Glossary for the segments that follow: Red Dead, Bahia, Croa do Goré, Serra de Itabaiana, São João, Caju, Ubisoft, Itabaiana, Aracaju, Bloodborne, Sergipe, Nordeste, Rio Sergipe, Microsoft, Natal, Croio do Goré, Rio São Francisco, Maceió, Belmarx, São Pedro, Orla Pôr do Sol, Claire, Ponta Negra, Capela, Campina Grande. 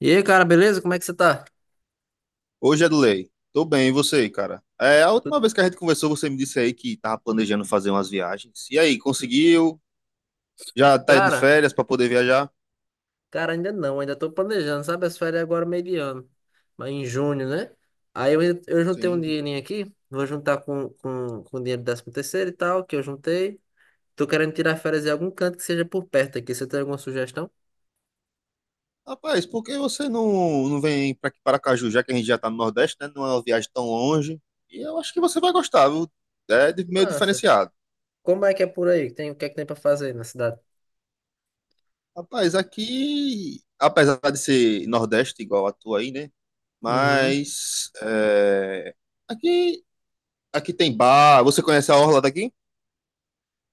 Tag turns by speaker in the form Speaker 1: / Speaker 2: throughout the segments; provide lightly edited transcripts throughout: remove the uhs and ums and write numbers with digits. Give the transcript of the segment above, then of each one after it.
Speaker 1: E aí, cara, beleza? Como é que você tá?
Speaker 2: Hoje é do Lei. Tô bem, e você, cara? É, a última
Speaker 1: Tu-
Speaker 2: vez que a gente conversou, você me disse aí que tava planejando fazer umas viagens. E aí, conseguiu? Já tá de
Speaker 1: Cara,
Speaker 2: férias para poder viajar?
Speaker 1: cara, ainda não, ainda tô planejando, sabe? As férias agora meio de ano, mas em junho, né? Aí eu juntei um
Speaker 2: Sim.
Speaker 1: dinheirinho aqui, vou juntar com o dinheiro do 13 terceiro e tal, que eu juntei. Tô querendo tirar férias em algum canto que seja por perto aqui. Você tem alguma sugestão?
Speaker 2: Rapaz, por que você não vem para aqui para Caju, já que a gente já tá no Nordeste, né? Não é uma viagem tão longe. E eu acho que você vai gostar, viu? Meio
Speaker 1: Massa.
Speaker 2: diferenciado.
Speaker 1: Como é que é por aí? Tem, o que é que tem pra fazer aí na cidade?
Speaker 2: Rapaz, aqui, apesar de ser Nordeste igual a tua aí, né?
Speaker 1: Uhum.
Speaker 2: Mas é, aqui, aqui tem bar. Você conhece a orla daqui?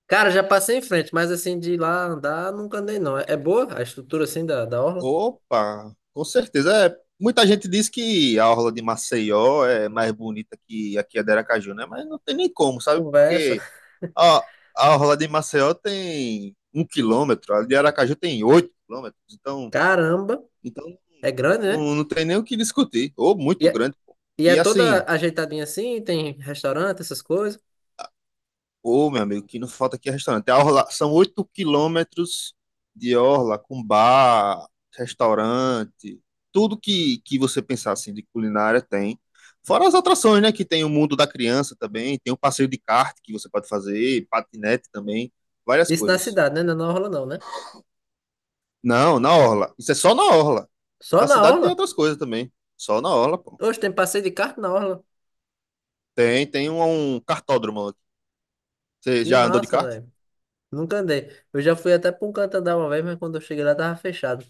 Speaker 1: Cara, já passei em frente, mas assim, de ir lá andar, nunca andei não. É boa a estrutura assim da orla?
Speaker 2: Opa, com certeza. É, muita gente diz que a orla de Maceió é mais bonita que aqui a de Aracaju, né? Mas não tem nem como, sabe?
Speaker 1: Conversa.
Speaker 2: Porque a, a orla de Maceió tem 1 quilômetro, a de Aracaju tem 8 quilômetros. Então,
Speaker 1: Caramba,
Speaker 2: então
Speaker 1: é grande, né?
Speaker 2: não tem nem o que discutir. Ou muito grande, pô.
Speaker 1: E é
Speaker 2: E
Speaker 1: toda
Speaker 2: assim,
Speaker 1: ajeitadinha assim, tem restaurante, essas coisas.
Speaker 2: ô, meu amigo, que não falta aqui é restaurante. São 8 quilômetros de orla, com bar, restaurante, tudo que você pensar assim de culinária tem. Fora as atrações, né? Que tem o mundo da criança também, tem o passeio de kart que você pode fazer, patinete também, várias
Speaker 1: Isso na
Speaker 2: coisas.
Speaker 1: cidade, né? Não é na orla não, né?
Speaker 2: Não, na orla. Isso é só na orla.
Speaker 1: Só
Speaker 2: Na
Speaker 1: na
Speaker 2: cidade tem
Speaker 1: orla?
Speaker 2: outras coisas também. Só na orla, pô.
Speaker 1: Hoje tem passeio de carro na orla.
Speaker 2: Tem um kartódromo. Você
Speaker 1: Que
Speaker 2: já andou de
Speaker 1: massa,
Speaker 2: kart?
Speaker 1: velho. Nunca andei. Eu já fui até pra um canto andar uma vez, mas quando eu cheguei lá tava fechado.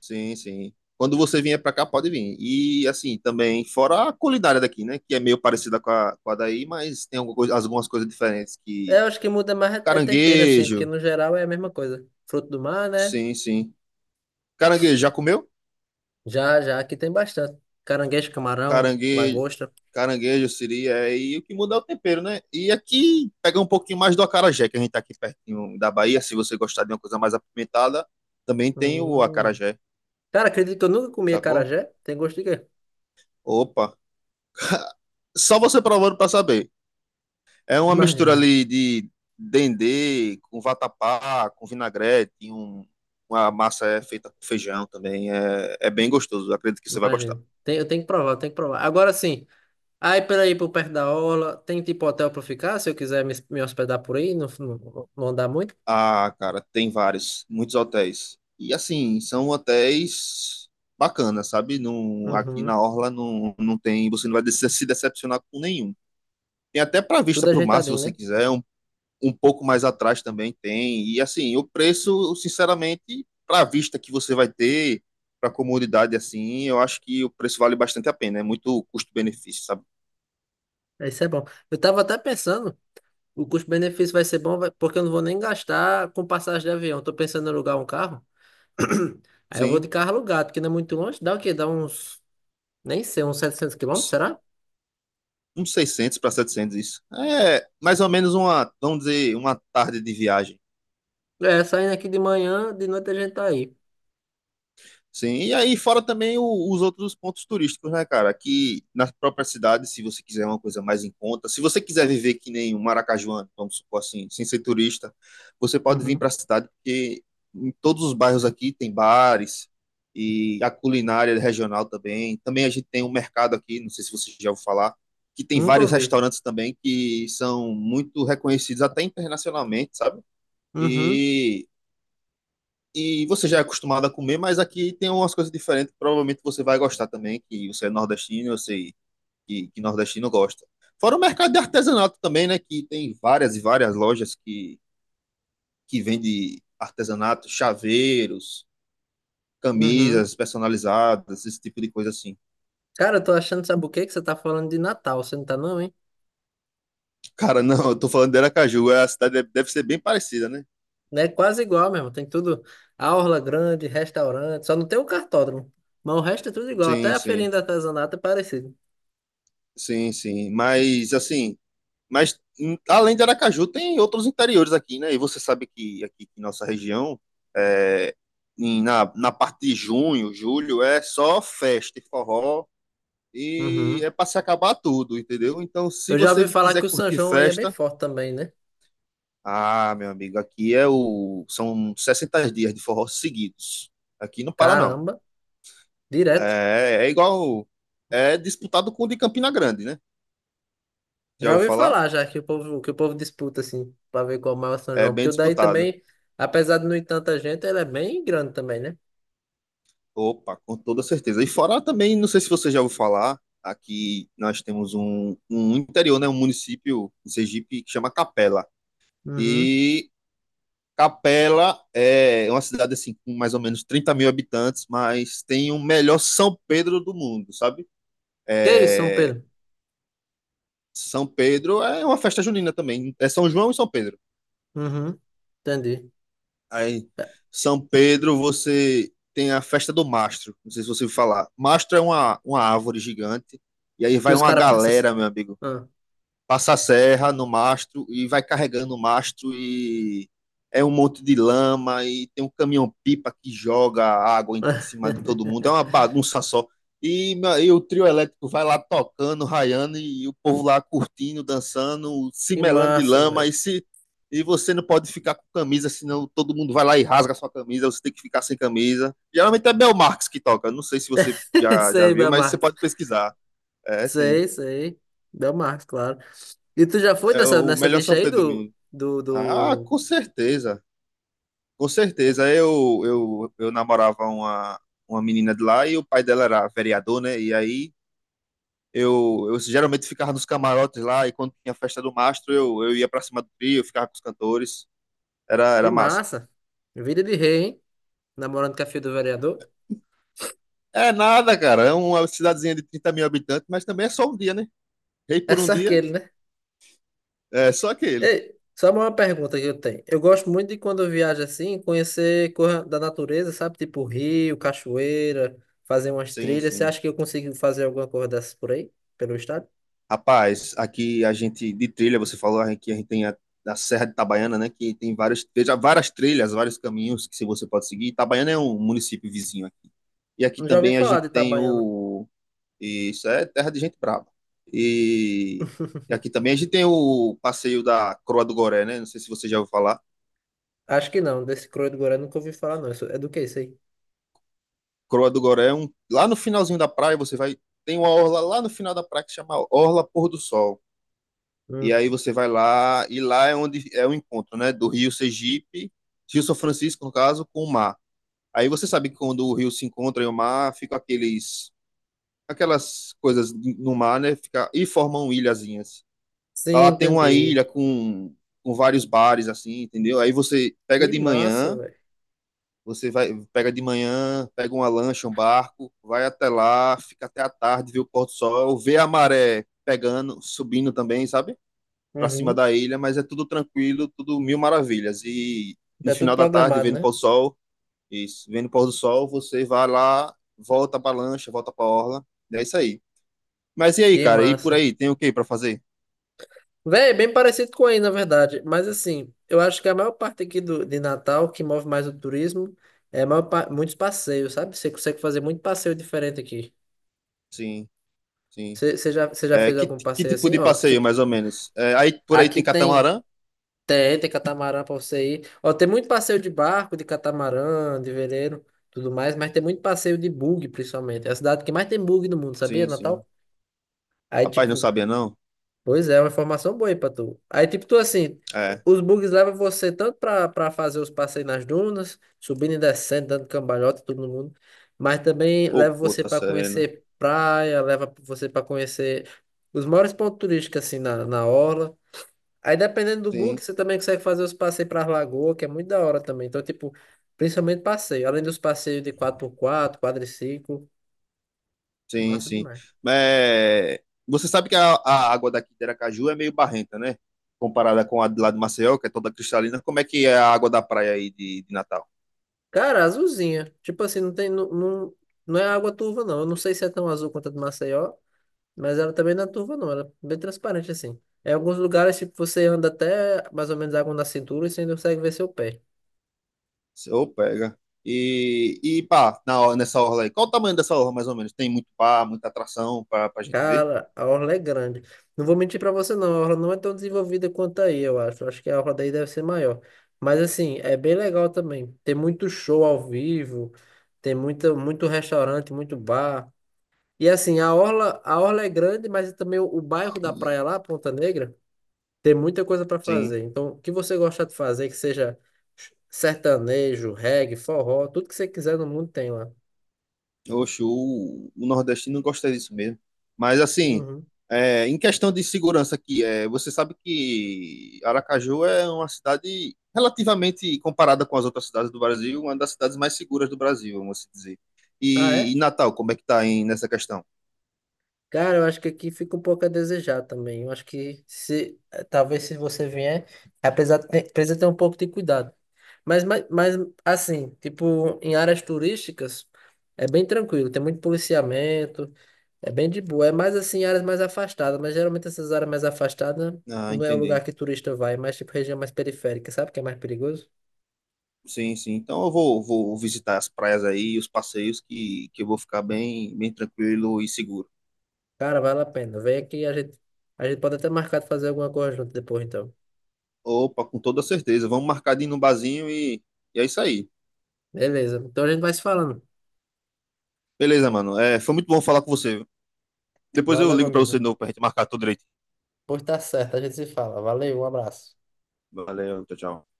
Speaker 2: Sim, sim. Quando você vier para cá, pode vir. E assim, também, fora a culinária daqui, né? Que é meio parecida com a daí, mas tem algumas coisas diferentes
Speaker 1: É,
Speaker 2: que.
Speaker 1: eu acho que muda mais é tempero assim, porque
Speaker 2: Caranguejo.
Speaker 1: no geral é a mesma coisa. Fruto do mar, né?
Speaker 2: Sim, sim. Caranguejo, já comeu?
Speaker 1: Já, já, aqui tem bastante. Caranguejo, camarão,
Speaker 2: Caranguejo.
Speaker 1: lagosta.
Speaker 2: Caranguejo, siri, é, e o que muda é o tempero, né? E aqui pega um pouquinho mais do acarajé, que a gente tá aqui pertinho da Bahia. Se você gostar de uma coisa mais apimentada, também tem o
Speaker 1: Hum.
Speaker 2: acarajé,
Speaker 1: Cara, acredito que eu nunca comi
Speaker 2: sacou?
Speaker 1: acarajé. Tem gosto de quê?
Speaker 2: Opa! Só você provando pra saber. É uma mistura
Speaker 1: Imagino,
Speaker 2: ali de dendê com vatapá, com vinagrete, e uma massa é feita com feijão também. É bem gostoso, acredito que você vai gostar.
Speaker 1: imagino. Tem, eu tenho que provar, eu tenho que provar. Agora sim. Aí, por aí, por perto da aula, tem tipo hotel pra eu ficar, se eu quiser me hospedar por aí, não andar muito?
Speaker 2: Ah, cara, tem vários, muitos hotéis. E assim, são hotéis bacanas, sabe? Não, aqui
Speaker 1: Uhum.
Speaker 2: na Orla não tem, você não vai se decepcionar com nenhum. Tem até para vista
Speaker 1: Tudo
Speaker 2: para o mar, se
Speaker 1: ajeitadinho,
Speaker 2: você
Speaker 1: né?
Speaker 2: quiser, um pouco mais atrás também tem. E assim, o preço, sinceramente, para a vista que você vai ter, para a comodidade assim, eu acho que o preço vale bastante a pena. É muito custo-benefício, sabe?
Speaker 1: Isso é bom. Eu tava até pensando, o custo-benefício vai ser bom, vai- porque eu não vou nem gastar com passagem de avião. Tô pensando em alugar um carro. Aí eu vou
Speaker 2: Sim,
Speaker 1: de carro alugado, que não é muito longe. Dá o quê? Dá uns, nem sei, uns 700 quilômetros, será?
Speaker 2: uns 600 para 700 isso. É mais ou menos uma, vamos dizer, uma tarde de viagem.
Speaker 1: É, saindo aqui de manhã, de noite a gente tá aí.
Speaker 2: Sim, e aí fora também os outros pontos turísticos, né, cara? Aqui na própria cidade, se você quiser uma coisa mais em conta, se você quiser viver que nem um maracajuano, vamos supor assim, sem ser turista, você pode vir
Speaker 1: Uhum.
Speaker 2: para a cidade, porque em todos os bairros aqui tem bares e a culinária regional também. Também a gente tem um mercado aqui, não sei se você já ouviu falar, que tem
Speaker 1: Nunca
Speaker 2: vários
Speaker 1: ouvi.
Speaker 2: restaurantes também que são muito reconhecidos até internacionalmente, sabe?
Speaker 1: Uhum,
Speaker 2: e e você já é acostumado a comer, mas aqui tem umas coisas diferentes que provavelmente você vai gostar também, que você é nordestino, eu sei que nordestino gosta. Fora o mercado de artesanato também, né? Que tem várias e várias lojas que vendem artesanato, chaveiros,
Speaker 1: uhum.
Speaker 2: camisas personalizadas, esse tipo de coisa assim.
Speaker 1: Cara, eu tô achando, sabe o quê? Que você tá falando de Natal, você não tá não, hein?
Speaker 2: Cara, não, eu tô falando de Aracaju, é a cidade deve ser bem parecida, né?
Speaker 1: Né? Quase igual mesmo. Tem tudo, aula grande, restaurante, só não tem o cartódromo. Mas o resto é tudo igual. Até
Speaker 2: Sim,
Speaker 1: a feirinha
Speaker 2: sim,
Speaker 1: de artesanato é parecido.
Speaker 2: sim, sim. Mas, assim, além de Aracaju, tem outros interiores aqui, né? E você sabe que aqui em nossa região, é, na parte de junho, julho, é só festa e forró e
Speaker 1: Uhum.
Speaker 2: é para se acabar tudo, entendeu? Então, se
Speaker 1: Eu já ouvi
Speaker 2: você
Speaker 1: falar
Speaker 2: quiser
Speaker 1: que o São
Speaker 2: curtir
Speaker 1: João aí é bem
Speaker 2: festa,
Speaker 1: forte também, né?
Speaker 2: ah, meu amigo, aqui é o são 60 dias de forró seguidos. Aqui não para, não.
Speaker 1: Caramba, direto.
Speaker 2: É igual. É disputado com o de Campina Grande, né? Já
Speaker 1: Já
Speaker 2: ouviu
Speaker 1: ouvi
Speaker 2: falar?
Speaker 1: falar já que o povo disputa assim, pra ver qual é o maior São
Speaker 2: É
Speaker 1: João, porque
Speaker 2: bem
Speaker 1: o daí
Speaker 2: disputado.
Speaker 1: também, apesar de não ir tanta gente, ele é bem grande também, né?
Speaker 2: Opa, com toda certeza. E fora também, não sei se você já ouviu falar, aqui nós temos um interior, né, um município em Sergipe que chama Capela.
Speaker 1: Uhum.
Speaker 2: E Capela é uma cidade assim com mais ou menos 30.000 habitantes, mas tem o melhor São Pedro do mundo, sabe?
Speaker 1: Que isso, São
Speaker 2: É,
Speaker 1: Pedro?
Speaker 2: São Pedro é uma festa junina também. É São João e São Pedro.
Speaker 1: Uhum. Entendi.
Speaker 2: Aí, São Pedro, você tem a festa do mastro. Não sei se você ouviu falar. Mastro é uma árvore gigante. E aí
Speaker 1: Que
Speaker 2: vai
Speaker 1: os
Speaker 2: uma
Speaker 1: caras passam assim.
Speaker 2: galera, meu amigo
Speaker 1: Ah.
Speaker 2: passa a serra no mastro e vai carregando o mastro e é um monte de lama e tem um caminhão-pipa que joga água em cima de todo mundo. É uma bagunça só. E, e o trio elétrico vai lá tocando, raiando e o povo lá curtindo, dançando, se
Speaker 1: Que
Speaker 2: melando de
Speaker 1: massa,
Speaker 2: lama e
Speaker 1: velho.
Speaker 2: se você não pode ficar com camisa, senão todo mundo vai lá e rasga a sua camisa, você tem que ficar sem camisa. Geralmente é Belmarx que toca, não sei se você já
Speaker 1: Sei,
Speaker 2: viu,
Speaker 1: meu
Speaker 2: mas você pode pesquisar. É, sim.
Speaker 1: Sei, sei. Belmar, claro. E tu já foi
Speaker 2: É
Speaker 1: nessa,
Speaker 2: o
Speaker 1: nessa
Speaker 2: melhor
Speaker 1: bicha
Speaker 2: São
Speaker 1: aí
Speaker 2: Pedro
Speaker 1: do,
Speaker 2: do.
Speaker 1: do,
Speaker 2: Ah,
Speaker 1: do...
Speaker 2: com certeza, com certeza. Eu namorava uma menina de lá e o pai dela era vereador, né? E aí eu geralmente ficava nos camarotes lá e quando tinha festa do mastro eu ia pra cima do trio, eu ficava com os cantores. Era,
Speaker 1: De
Speaker 2: era massa.
Speaker 1: massa. Vida de rei, hein? Namorando com a filha do vereador.
Speaker 2: É nada, cara. É uma cidadezinha de 30.000 habitantes, mas também é só um dia, né? Rei
Speaker 1: É
Speaker 2: por um
Speaker 1: só
Speaker 2: dia,
Speaker 1: aquele, né?
Speaker 2: é só aquele.
Speaker 1: Ei, só uma pergunta que eu tenho. Eu gosto muito de quando eu viajo assim, conhecer coisa da natureza, sabe? Tipo rio, cachoeira, fazer umas
Speaker 2: Sim,
Speaker 1: trilhas. Você
Speaker 2: sim.
Speaker 1: acha que eu consigo fazer alguma coisa dessas por aí? Pelo estado?
Speaker 2: Rapaz, aqui a gente de trilha, você falou que a gente tem a Serra de Itabaiana, né? Que tem vários, veja, várias trilhas, vários caminhos que se você pode seguir. Itabaiana é um município vizinho aqui. E aqui
Speaker 1: Não já ouvi
Speaker 2: também a
Speaker 1: falar
Speaker 2: gente
Speaker 1: de
Speaker 2: tem
Speaker 1: Itabaiana.
Speaker 2: o. Isso é terra de gente brava. E, e aqui também a gente tem o passeio da Croa do Goré, né? Não sei se você já ouviu falar.
Speaker 1: Acho que não. Desse Croio do Goré nunca ouvi falar, não. Isso- é do que isso aí?
Speaker 2: Croa do Goré é um. Lá no finalzinho da praia, você vai. Tem uma orla lá no final da praia que chama Orla Pôr do Sol. E
Speaker 1: Hum.
Speaker 2: aí você vai lá, e lá é onde é o encontro, né? Do Rio Sergipe, Rio São Francisco, no caso, com o mar. Aí você sabe que quando o rio se encontra e o mar, fica aqueles, aquelas coisas no mar, né? Fica, e formam ilhazinhas. Tá,
Speaker 1: Sim,
Speaker 2: lá tem uma
Speaker 1: entendi.
Speaker 2: ilha com vários bares, assim, entendeu? Aí você pega
Speaker 1: Que
Speaker 2: de
Speaker 1: massa,
Speaker 2: manhã,
Speaker 1: velho.
Speaker 2: você vai, pega de manhã, pega uma lancha, um barco, vai até lá, fica até a tarde, vê o pôr do sol, vê a maré pegando, subindo também, sabe? Para cima
Speaker 1: Uhum.
Speaker 2: da ilha, mas é tudo tranquilo, tudo mil maravilhas. E no
Speaker 1: Já tudo
Speaker 2: final da tarde,
Speaker 1: programado,
Speaker 2: vendo o
Speaker 1: né?
Speaker 2: pôr do sol, isso, vendo o pôr do sol, você vai lá, volta para lancha, volta para orla, é isso aí. Mas e aí,
Speaker 1: Que
Speaker 2: cara? E por
Speaker 1: massa.
Speaker 2: aí, tem o que para fazer?
Speaker 1: Véi, bem parecido com aí, na verdade. Mas assim, eu acho que a maior parte aqui do, de Natal, que move mais o turismo, é a maior pa- muitos passeios, sabe? Você consegue fazer muito passeio diferente aqui.
Speaker 2: Sim, sim.
Speaker 1: Você já
Speaker 2: É,
Speaker 1: fez
Speaker 2: que,
Speaker 1: algum
Speaker 2: que
Speaker 1: passeio
Speaker 2: tipo
Speaker 1: assim?
Speaker 2: de
Speaker 1: Ó,
Speaker 2: passeio,
Speaker 1: tipo,
Speaker 2: mais ou menos? Aí por aí
Speaker 1: aqui
Speaker 2: tem
Speaker 1: tem,
Speaker 2: catamarã?
Speaker 1: tem, tem catamarã pra você ir. Ó, tem muito passeio de barco, de catamarã, de veleiro, tudo mais, mas tem muito passeio de bug, principalmente. É a cidade que mais tem bug no mundo, sabia,
Speaker 2: Sim, sim.
Speaker 1: Natal? Aí,
Speaker 2: Rapaz, não
Speaker 1: tipo,
Speaker 2: sabia, não?
Speaker 1: pois é, é uma informação boa aí pra tu. Aí, tipo, tu assim,
Speaker 2: É.
Speaker 1: os bugs levam você tanto pra fazer os passeios nas dunas, subindo e descendo, dando cambalhota, todo mundo, mas também
Speaker 2: Ô,
Speaker 1: leva você
Speaker 2: puta
Speaker 1: pra
Speaker 2: serena.
Speaker 1: conhecer praia, leva você pra conhecer os maiores pontos turísticos, assim, na orla. Aí, dependendo do bug,
Speaker 2: Sim.
Speaker 1: você também consegue fazer os passeios pra lagoa, que é muito da hora também. Então, tipo, principalmente passeio. Além dos passeios de quatro por quatro quadriciclo,
Speaker 2: Sim,
Speaker 1: massa
Speaker 2: sim.
Speaker 1: demais.
Speaker 2: É, Você sabe que a água daqui de Aracaju é meio barrenta, né? Comparada com a de lá de Maceió, que é toda cristalina. Como é que é a água da praia aí de Natal?
Speaker 1: Cara, azulzinha. Tipo assim, não tem, não, é água turva, não. Eu não sei se é tão azul quanto a do Maceió, mas ela também não é turva, não. Ela é bem transparente, assim. Em alguns lugares, tipo, você anda até mais ou menos água na cintura e você ainda consegue ver seu pé.
Speaker 2: Ô, pega. E pá, nessa orla aí. Qual o tamanho dessa orla, mais ou menos? Tem muito pá, muita atração pra gente ver?
Speaker 1: Cara, a orla é grande. Não vou mentir pra você, não. A orla não é tão desenvolvida quanto aí, eu acho. Acho que a orla daí deve ser maior. Mas, assim, é bem legal também. Tem muito show ao vivo, tem muito restaurante, muito bar. E assim, a orla é grande, mas é também o bairro da praia lá, Ponta Negra, tem muita coisa para
Speaker 2: Sim.
Speaker 1: fazer. Então, o que você gosta de fazer, que seja sertanejo, reggae, forró, tudo que você quiser no mundo tem lá.
Speaker 2: Oxe, o nordestino gosta disso mesmo. Mas assim,
Speaker 1: Uhum.
Speaker 2: em questão de segurança aqui, você sabe que Aracaju é uma cidade relativamente comparada com as outras cidades do Brasil, uma das cidades mais seguras do Brasil, vamos assim dizer.
Speaker 1: Ah,
Speaker 2: E
Speaker 1: é?
Speaker 2: Natal, como é que tá aí nessa questão?
Speaker 1: Cara, eu acho que aqui fica um pouco a desejar também. Eu acho que se talvez se você vier, apesar de ter, precisa ter um pouco de cuidado. Mas assim, tipo, em áreas turísticas é bem tranquilo, tem muito policiamento. É bem de boa. É mais assim, áreas mais afastadas, mas geralmente essas áreas mais afastadas
Speaker 2: Ah,
Speaker 1: não é o
Speaker 2: entendi.
Speaker 1: lugar que turista vai, mas tipo região mais periférica, sabe que é mais perigoso?
Speaker 2: Sim, sim. Então eu vou visitar as praias aí, os passeios, que eu vou ficar bem, bem tranquilo e seguro.
Speaker 1: Cara, vale a pena. Vem aqui, a gente pode até marcar de fazer alguma coisa junto depois, então.
Speaker 2: Opa, com toda certeza. Vamos marcar de ir num barzinho e é isso aí.
Speaker 1: Beleza. Então a gente vai se falando.
Speaker 2: Beleza, mano. É, foi muito bom falar com você. Depois eu
Speaker 1: Valeu, meu
Speaker 2: ligo pra
Speaker 1: amigo.
Speaker 2: você de novo pra gente marcar tudo direito.
Speaker 1: Pois tá certo, a gente se fala. Valeu, um abraço.
Speaker 2: Valeu, tchau, tchau.